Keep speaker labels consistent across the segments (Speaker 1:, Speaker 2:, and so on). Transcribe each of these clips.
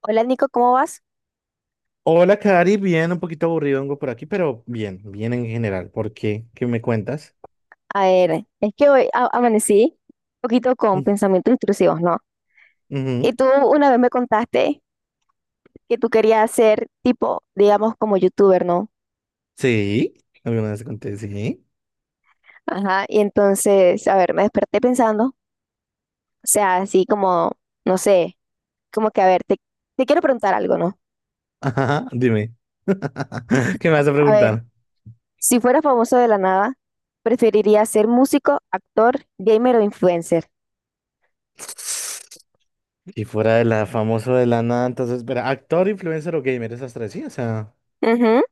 Speaker 1: Hola Nico, ¿cómo vas?
Speaker 2: Hola, Cari, bien, un poquito aburridongo por aquí, pero bien, bien en general. ¿Por qué? ¿Qué me cuentas?
Speaker 1: A ver, es que hoy amanecí un poquito con
Speaker 2: Mm,
Speaker 1: pensamientos intrusivos, ¿no? Y
Speaker 2: ujú.
Speaker 1: tú una vez me contaste que tú querías ser tipo, digamos, como youtuber, ¿no?
Speaker 2: Sí, alguna vez conté, sí.
Speaker 1: Ajá, y entonces, a ver, me desperté pensando, o sea, así como, no sé, como que, a ver, te quiero preguntar algo, ¿no?
Speaker 2: Ajá, dime, ¿qué me vas a
Speaker 1: A ver,
Speaker 2: preguntar?
Speaker 1: si fueras famoso de la nada, ¿preferirías ser músico, actor, gamer o influencer?
Speaker 2: Y fuera de la famoso de la nada, entonces, espera, actor, influencer o gamer, esas tres, sí, o sea.
Speaker 1: Ujú.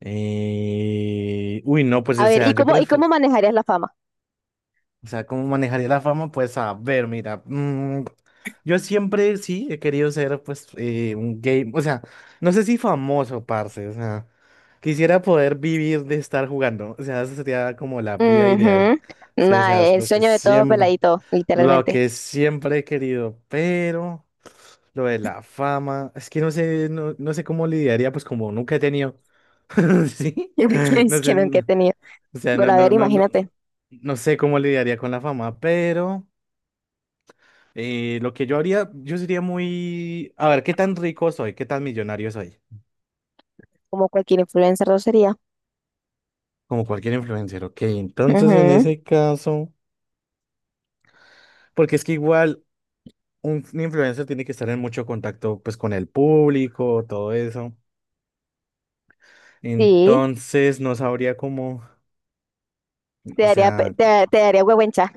Speaker 2: Uy, no, pues,
Speaker 1: A
Speaker 2: o
Speaker 1: ver,
Speaker 2: sea,
Speaker 1: ¿y
Speaker 2: yo
Speaker 1: cómo,
Speaker 2: prefiero.
Speaker 1: manejarías la fama?
Speaker 2: O sea, ¿cómo manejaría la fama? Pues a ver, mira, yo siempre sí he querido ser pues un game, o sea, no sé si famoso, parce, o sea, quisiera poder vivir de estar jugando, o sea, esa sería como la vida ideal,
Speaker 1: Ujú.
Speaker 2: sí, o
Speaker 1: No,
Speaker 2: sea, es
Speaker 1: el sueño de todo peladito,
Speaker 2: lo
Speaker 1: literalmente.
Speaker 2: que siempre he querido, pero lo de la fama, es que no sé, no, no sé cómo lidiaría, pues como nunca he tenido, sí, no
Speaker 1: Es que
Speaker 2: sé.
Speaker 1: nunca he tenido.
Speaker 2: O sea,
Speaker 1: Pero
Speaker 2: no,
Speaker 1: a
Speaker 2: no,
Speaker 1: ver,
Speaker 2: no, no,
Speaker 1: imagínate,
Speaker 2: no sé cómo lidiaría con la fama, pero lo que yo haría, yo sería muy, a ver, ¿qué tan rico soy? ¿Qué tan millonario soy?
Speaker 1: como cualquier influencer lo sería.
Speaker 2: Como cualquier influencer, ok. Entonces, en
Speaker 1: Ujú.
Speaker 2: ese caso, porque es que igual un influencer tiene que estar en mucho contacto pues con el público, todo eso.
Speaker 1: Sí,
Speaker 2: Entonces, no sabría cómo,
Speaker 1: te
Speaker 2: o
Speaker 1: daría,
Speaker 2: sea.
Speaker 1: te daría huehuencha.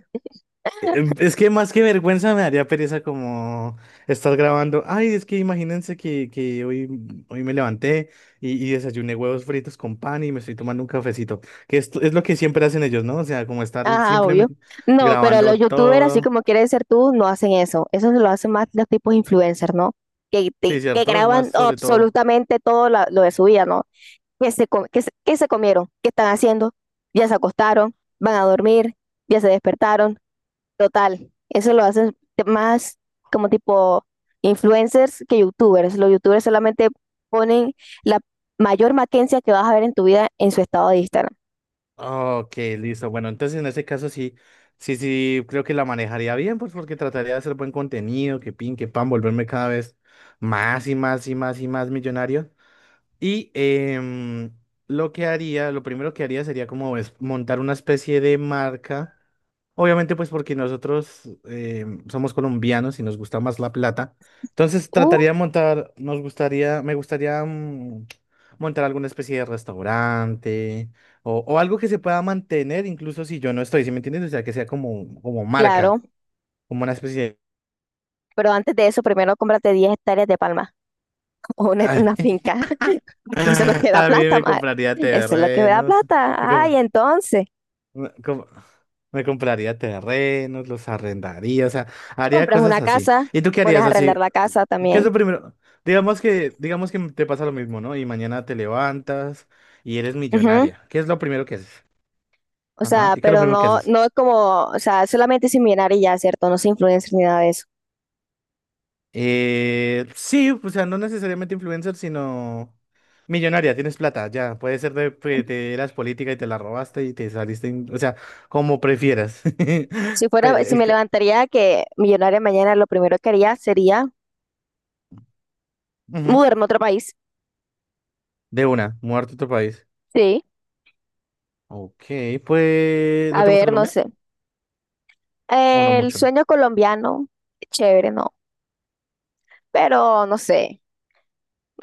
Speaker 2: Es que más que vergüenza me daría pereza como estar grabando. Ay, es que imagínense que, que hoy me levanté y desayuné huevos fritos con pan y me estoy tomando un cafecito. Que esto es lo que siempre hacen ellos, ¿no? O sea, como estar
Speaker 1: Ajá, obvio.
Speaker 2: simplemente
Speaker 1: No, pero
Speaker 2: grabando
Speaker 1: los youtubers, así
Speaker 2: todo.
Speaker 1: como quieres ser tú, no hacen eso. Eso se lo hacen más los tipos influencers, ¿no? Que, te-
Speaker 2: Sí,
Speaker 1: que
Speaker 2: cierto, es más
Speaker 1: graban
Speaker 2: sobre todo.
Speaker 1: absolutamente todo lo de su vida, ¿no? ¿Qué se, qué se comieron? ¿Qué están haciendo? ¿Ya se acostaron? ¿Van a dormir? ¿Ya se despertaron? Total, eso lo hacen más como tipo influencers que youtubers. Los youtubers solamente ponen la mayor maquencia que vas a ver en tu vida en su estado de Instagram.
Speaker 2: Ok, listo. Bueno, entonces en ese caso sí, sí, sí, creo que la manejaría bien, pues porque trataría de hacer buen contenido, que pin, que pan, volverme cada vez más y más y más y más millonario. Y lo que haría, lo primero que haría sería como es montar una especie de marca. Obviamente, pues porque nosotros somos colombianos y nos gusta más la plata. Entonces
Speaker 1: Uh,
Speaker 2: trataría de montar, nos gustaría, me gustaría montar alguna especie de restaurante o algo que se pueda mantener incluso si yo no estoy, ¿sí me entiendes? O sea, que sea como, marca,
Speaker 1: claro,
Speaker 2: como una especie
Speaker 1: pero antes de eso, primero cómprate 10 hectáreas de palma o una
Speaker 2: de.
Speaker 1: finca, porque eso es lo que da
Speaker 2: También
Speaker 1: plata,
Speaker 2: me
Speaker 1: madre.
Speaker 2: compraría
Speaker 1: Eso es lo que da
Speaker 2: terrenos.
Speaker 1: plata.
Speaker 2: me
Speaker 1: Ay,
Speaker 2: comp-
Speaker 1: entonces,
Speaker 2: Me, com- Me compraría terrenos, los arrendaría, o sea, haría
Speaker 1: compras
Speaker 2: cosas
Speaker 1: una
Speaker 2: así.
Speaker 1: casa,
Speaker 2: ¿Y tú qué
Speaker 1: pones
Speaker 2: harías
Speaker 1: a arrendar
Speaker 2: así?
Speaker 1: la casa
Speaker 2: ¿Qué es lo
Speaker 1: también.
Speaker 2: primero? Digamos que te pasa lo mismo, ¿no? Y mañana te levantas y eres
Speaker 1: Ujú.
Speaker 2: millonaria. ¿Qué es lo primero que haces?
Speaker 1: O
Speaker 2: Ajá.
Speaker 1: sea,
Speaker 2: ¿Y qué es lo
Speaker 1: pero
Speaker 2: primero que
Speaker 1: no,
Speaker 2: haces?
Speaker 1: no es como, o sea, solamente sin millonario y ya, ¿cierto? No se influencer ni nada de eso.
Speaker 2: Sí, o sea, no necesariamente influencer, sino millonaria, tienes plata, ya. Puede ser de que te eras política y te la robaste y te saliste, o sea, como prefieras.
Speaker 1: Si fuera,
Speaker 2: Pe-
Speaker 1: si
Speaker 2: el
Speaker 1: me
Speaker 2: ca-
Speaker 1: levantaría que millonaria mañana, lo primero que haría sería
Speaker 2: Ujú.
Speaker 1: mudarme a otro país.
Speaker 2: De una, muerto tu país.
Speaker 1: Sí,
Speaker 2: Ok, pues, ¿no
Speaker 1: a
Speaker 2: te gusta
Speaker 1: ver, no
Speaker 2: Colombia?
Speaker 1: sé.
Speaker 2: ¿O no
Speaker 1: El
Speaker 2: mucho?
Speaker 1: sueño colombiano, chévere, ¿no? Pero no sé,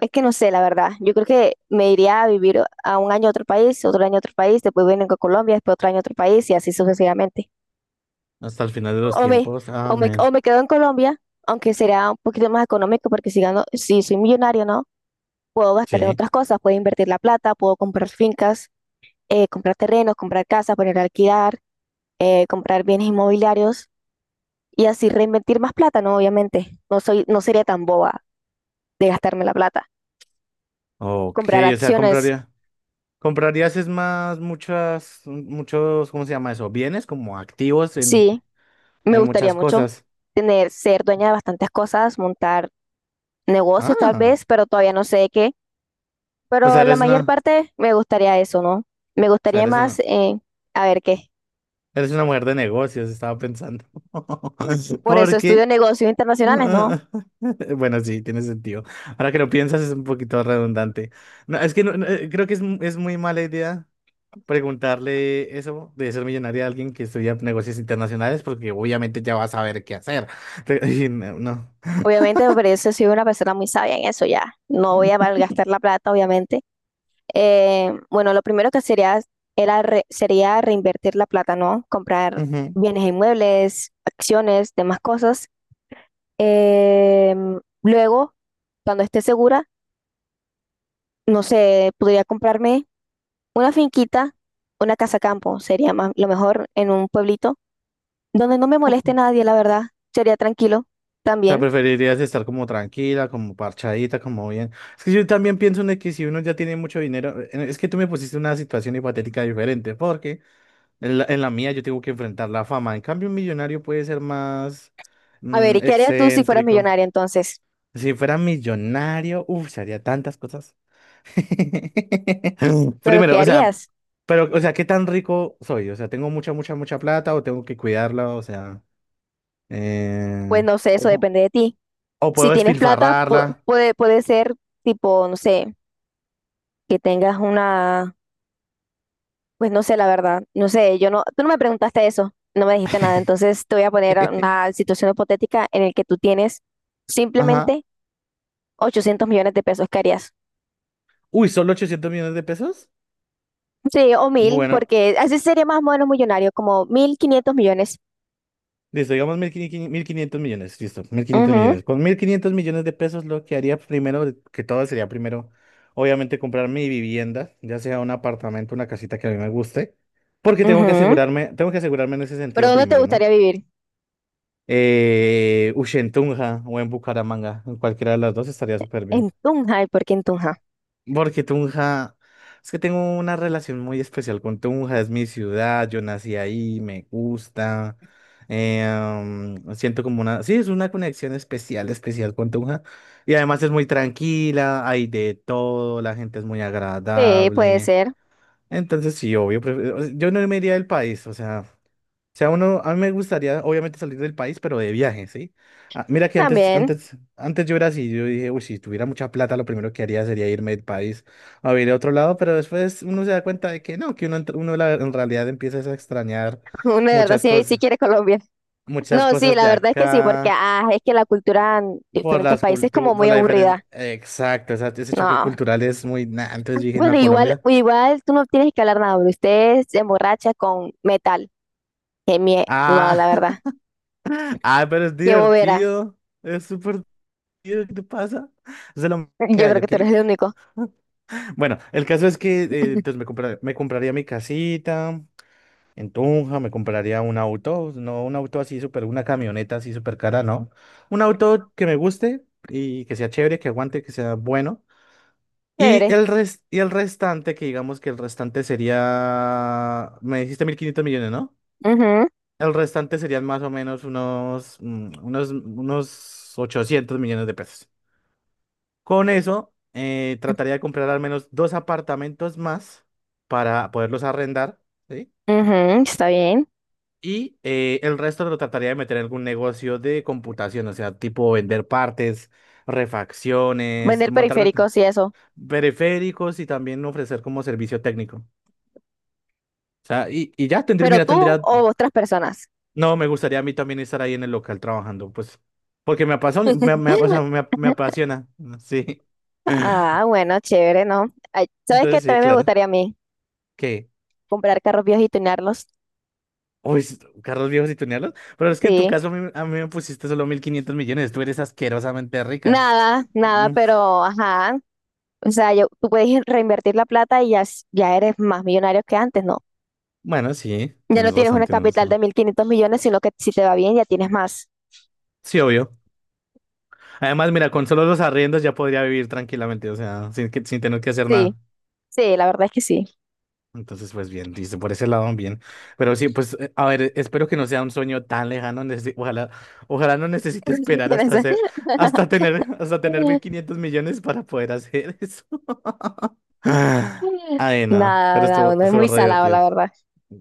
Speaker 1: es que no sé, la verdad. Yo creo que me iría a vivir a un año a otro país, otro año a otro país, después vengo a Colombia, después otro año a otro país y así sucesivamente.
Speaker 2: Hasta el final de los
Speaker 1: O me,
Speaker 2: tiempos. Amén.
Speaker 1: o me quedo en Colombia, aunque será un poquito más económico porque si gano, si soy millonario, ¿no? Puedo gastar en
Speaker 2: Sí.
Speaker 1: otras cosas, puedo invertir la plata, puedo comprar fincas comprar terrenos, comprar casas, poner a alquilar, comprar bienes inmobiliarios y así reinvertir más plata, ¿no? Obviamente, no soy, no sería tan boba de gastarme la plata.
Speaker 2: Ok,
Speaker 1: Comprar
Speaker 2: o sea,
Speaker 1: acciones,
Speaker 2: compraría. ¿Comprarías es más muchas, muchos? ¿Cómo se llama eso? Bienes como activos en,
Speaker 1: sí, me
Speaker 2: en
Speaker 1: gustaría
Speaker 2: muchas
Speaker 1: mucho
Speaker 2: cosas.
Speaker 1: tener, ser dueña de bastantes cosas, montar negocios tal
Speaker 2: Ah,
Speaker 1: vez, pero todavía no sé de qué.
Speaker 2: o sea,
Speaker 1: Pero la
Speaker 2: eres una,
Speaker 1: mayor
Speaker 2: o
Speaker 1: parte me gustaría eso, ¿no? Me
Speaker 2: sea,
Speaker 1: gustaría
Speaker 2: eres
Speaker 1: más,
Speaker 2: una,
Speaker 1: a ver qué.
Speaker 2: eres una mujer de negocios, estaba pensando.
Speaker 1: Por eso estudio
Speaker 2: Porque,
Speaker 1: negocios internacionales, ¿no?
Speaker 2: bueno, sí, tiene sentido. Ahora que lo piensas es un poquito redundante. No, es que no, creo que es, es muy mala idea preguntarle eso de ser millonaria a alguien que estudia negocios internacionales, porque obviamente ya va a saber qué hacer. Pero, y no, no.
Speaker 1: Obviamente, por eso soy una persona muy sabia en eso ya. No voy a malgastar la plata, obviamente. Bueno, lo primero que sería, sería reinvertir la plata, ¿no? Comprar
Speaker 2: Ujú.
Speaker 1: bienes e inmuebles, acciones, demás cosas. Luego, cuando esté segura, no sé, podría comprarme una finquita, una casa campo, sería más, lo mejor en un pueblito, donde no me moleste nadie, la verdad. Sería tranquilo
Speaker 2: O sea,
Speaker 1: también.
Speaker 2: preferirías estar como tranquila, como parchadita, como bien. Es que yo también pienso en que si uno ya tiene mucho dinero, es que tú me pusiste una situación hipotética diferente, porque en la, mía yo tengo que enfrentar la fama. En cambio, un millonario puede ser más
Speaker 1: A ver, ¿y qué harías tú si fueras
Speaker 2: excéntrico.
Speaker 1: millonaria entonces?
Speaker 2: Si fuera millonario, uff, se haría tantas cosas.
Speaker 1: ¿Pero qué
Speaker 2: Primero, o sea,
Speaker 1: harías?
Speaker 2: pero, o sea, ¿qué tan rico soy? O sea, ¿tengo mucha, mucha, mucha plata o tengo que cuidarla? O sea, eh,
Speaker 1: Pues no sé, eso
Speaker 2: o
Speaker 1: depende de ti.
Speaker 2: o
Speaker 1: Si
Speaker 2: puedo
Speaker 1: tienes plata,
Speaker 2: despilfarrarla.
Speaker 1: puede ser tipo, no sé, que tengas una, pues no sé, la verdad, no sé, yo no, tú no me preguntaste eso, no me dijiste nada, entonces te voy a poner a una situación hipotética en el que tú tienes
Speaker 2: Ajá.
Speaker 1: simplemente 800 millones de pesos, ¿qué harías?
Speaker 2: Uy, ¿solo 800 millones de pesos?
Speaker 1: Sí, o mil,
Speaker 2: Bueno,
Speaker 1: porque así sería más o menos millonario, como 1500 millones.
Speaker 2: listo, digamos 1.500 millones, listo, mil quinientos
Speaker 1: Ujú,
Speaker 2: millones. Con 1.500 millones de pesos lo que haría primero, que todo sería primero, obviamente comprar mi vivienda, ya sea un apartamento, una casita que a mí me guste, porque
Speaker 1: ujú.
Speaker 2: tengo que asegurarme en ese
Speaker 1: ¿Pero
Speaker 2: sentido
Speaker 1: dónde te
Speaker 2: primero,
Speaker 1: gustaría
Speaker 2: ¿no?
Speaker 1: vivir?
Speaker 2: Uy, en Tunja o en Bucaramanga, en cualquiera de las dos estaría súper bien.
Speaker 1: En Tunja, ¿y por qué en Tunja?
Speaker 2: Porque Tunja, es que tengo una relación muy especial con Tunja, es mi ciudad, yo nací ahí, me gusta. Siento como una, sí, es una conexión especial, especial con Tunja. Y además es muy tranquila, hay de todo, la gente es muy
Speaker 1: Sí, puede
Speaker 2: agradable.
Speaker 1: ser,
Speaker 2: Entonces, sí, obvio, yo no me iría del país, o sea uno, a mí me gustaría, obviamente, salir del país, pero de viaje, ¿sí? Ah, mira que antes,
Speaker 1: también.
Speaker 2: antes, antes yo era así, yo dije, uy, si tuviera mucha plata, lo primero que haría sería irme del país a vivir a otro lado, pero después uno se da cuenta de que no, que uno, en realidad empieza a extrañar
Speaker 1: Uno de verdad
Speaker 2: muchas
Speaker 1: sí
Speaker 2: cosas,
Speaker 1: quiere Colombia.
Speaker 2: muchas
Speaker 1: No, sí,
Speaker 2: cosas
Speaker 1: la
Speaker 2: de
Speaker 1: verdad es que sí, porque
Speaker 2: acá,
Speaker 1: ah, es que la cultura en
Speaker 2: por
Speaker 1: diferentes
Speaker 2: las
Speaker 1: países es
Speaker 2: cultu
Speaker 1: como
Speaker 2: por
Speaker 1: muy
Speaker 2: la diferencia.
Speaker 1: aburrida.
Speaker 2: Exacto, o sea, ese choque
Speaker 1: No.
Speaker 2: cultural es muy, nah, entonces yo dije, no,
Speaker 1: Bueno,
Speaker 2: a Colombia.
Speaker 1: igual tú no tienes que hablar nada, pero usted se emborracha con metal. Que mie no,
Speaker 2: Ah,
Speaker 1: la verdad.
Speaker 2: ah, pero es
Speaker 1: Qué bobera.
Speaker 2: divertido, es súper divertido, ¿qué te pasa? Es de lo mejor que
Speaker 1: Yo
Speaker 2: hay,
Speaker 1: creo que
Speaker 2: ¿ok?
Speaker 1: tú eres el único.
Speaker 2: Bueno, el caso es que entonces me compraría mi casita en Tunja, me compraría un auto, no un auto así súper, una camioneta así súper cara, no. Un auto que me guste y que sea chévere, que aguante, que sea bueno. Y
Speaker 1: Chévere.
Speaker 2: el res- y el restante, que digamos que el restante sería, me dijiste 1.500 millones, ¿no?
Speaker 1: Ujú,
Speaker 2: El restante serían más o menos unos 800 millones de pesos. Con eso, trataría de comprar al menos dos apartamentos más para poderlos arrendar, ¿sí?
Speaker 1: ujú, está bien.
Speaker 2: Y el resto lo trataría de meter en algún negocio de computación, o sea, tipo vender partes, refacciones,
Speaker 1: Vender
Speaker 2: montarme
Speaker 1: periféricos y eso.
Speaker 2: periféricos y también ofrecer como servicio técnico. O sea, y ya tendría,
Speaker 1: ¿Pero
Speaker 2: mira,
Speaker 1: tú
Speaker 2: tendría,
Speaker 1: o otras personas?
Speaker 2: no, me gustaría a mí también estar ahí en el local trabajando, pues, porque me apasiona, me apasiona, sí.
Speaker 1: Ah, bueno, chévere, ¿no? Ay, ¿sabes qué?
Speaker 2: Entonces, sí,
Speaker 1: También me
Speaker 2: claro.
Speaker 1: gustaría a mí
Speaker 2: ¿Qué?
Speaker 1: comprar carros viejos y tunearlos.
Speaker 2: Uy, carros viejos y tunearlos. Pero es que en tu
Speaker 1: Sí.
Speaker 2: caso a mí me pusiste solo 1.500 millones. Tú eres asquerosamente rica.
Speaker 1: Nada, nada,
Speaker 2: Mm.
Speaker 1: pero ajá. O sea, tú puedes reinvertir la plata y ya, ya eres más millonario que antes, ¿no?
Speaker 2: Bueno, sí,
Speaker 1: Ya no
Speaker 2: tienes
Speaker 1: tienes
Speaker 2: razón,
Speaker 1: una
Speaker 2: tienes
Speaker 1: capital de
Speaker 2: razón.
Speaker 1: 1500 millones, sino que si te va bien ya tienes más.
Speaker 2: Sí, obvio. Además, mira, con solo los arriendos ya podría vivir tranquilamente, o sea, sin, que- sin tener que hacer
Speaker 1: Sí,
Speaker 2: nada.
Speaker 1: sí, la verdad es que sí.
Speaker 2: Entonces, pues bien, listo, por ese lado bien. Pero sí, pues, a ver, espero que no sea un sueño tan lejano. Ojalá, ojalá no necesite esperar hasta hacer, hasta tener 1.500 millones para poder hacer eso. Ah,
Speaker 1: Tienes-
Speaker 2: Ay, no,
Speaker 1: Nada,
Speaker 2: pero
Speaker 1: nada,
Speaker 2: estuvo,
Speaker 1: uno es
Speaker 2: estuvo
Speaker 1: muy
Speaker 2: re
Speaker 1: salado, la
Speaker 2: divertido.
Speaker 1: verdad.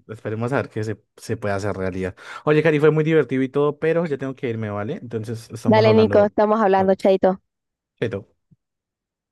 Speaker 2: Esperemos a ver que se puede hacer realidad. Oye, Cari, fue muy divertido y todo, pero ya tengo que irme, ¿vale? Entonces, estamos
Speaker 1: Dale, Nico,
Speaker 2: hablando
Speaker 1: estamos hablando,
Speaker 2: luego.
Speaker 1: chaito.
Speaker 2: Chaito.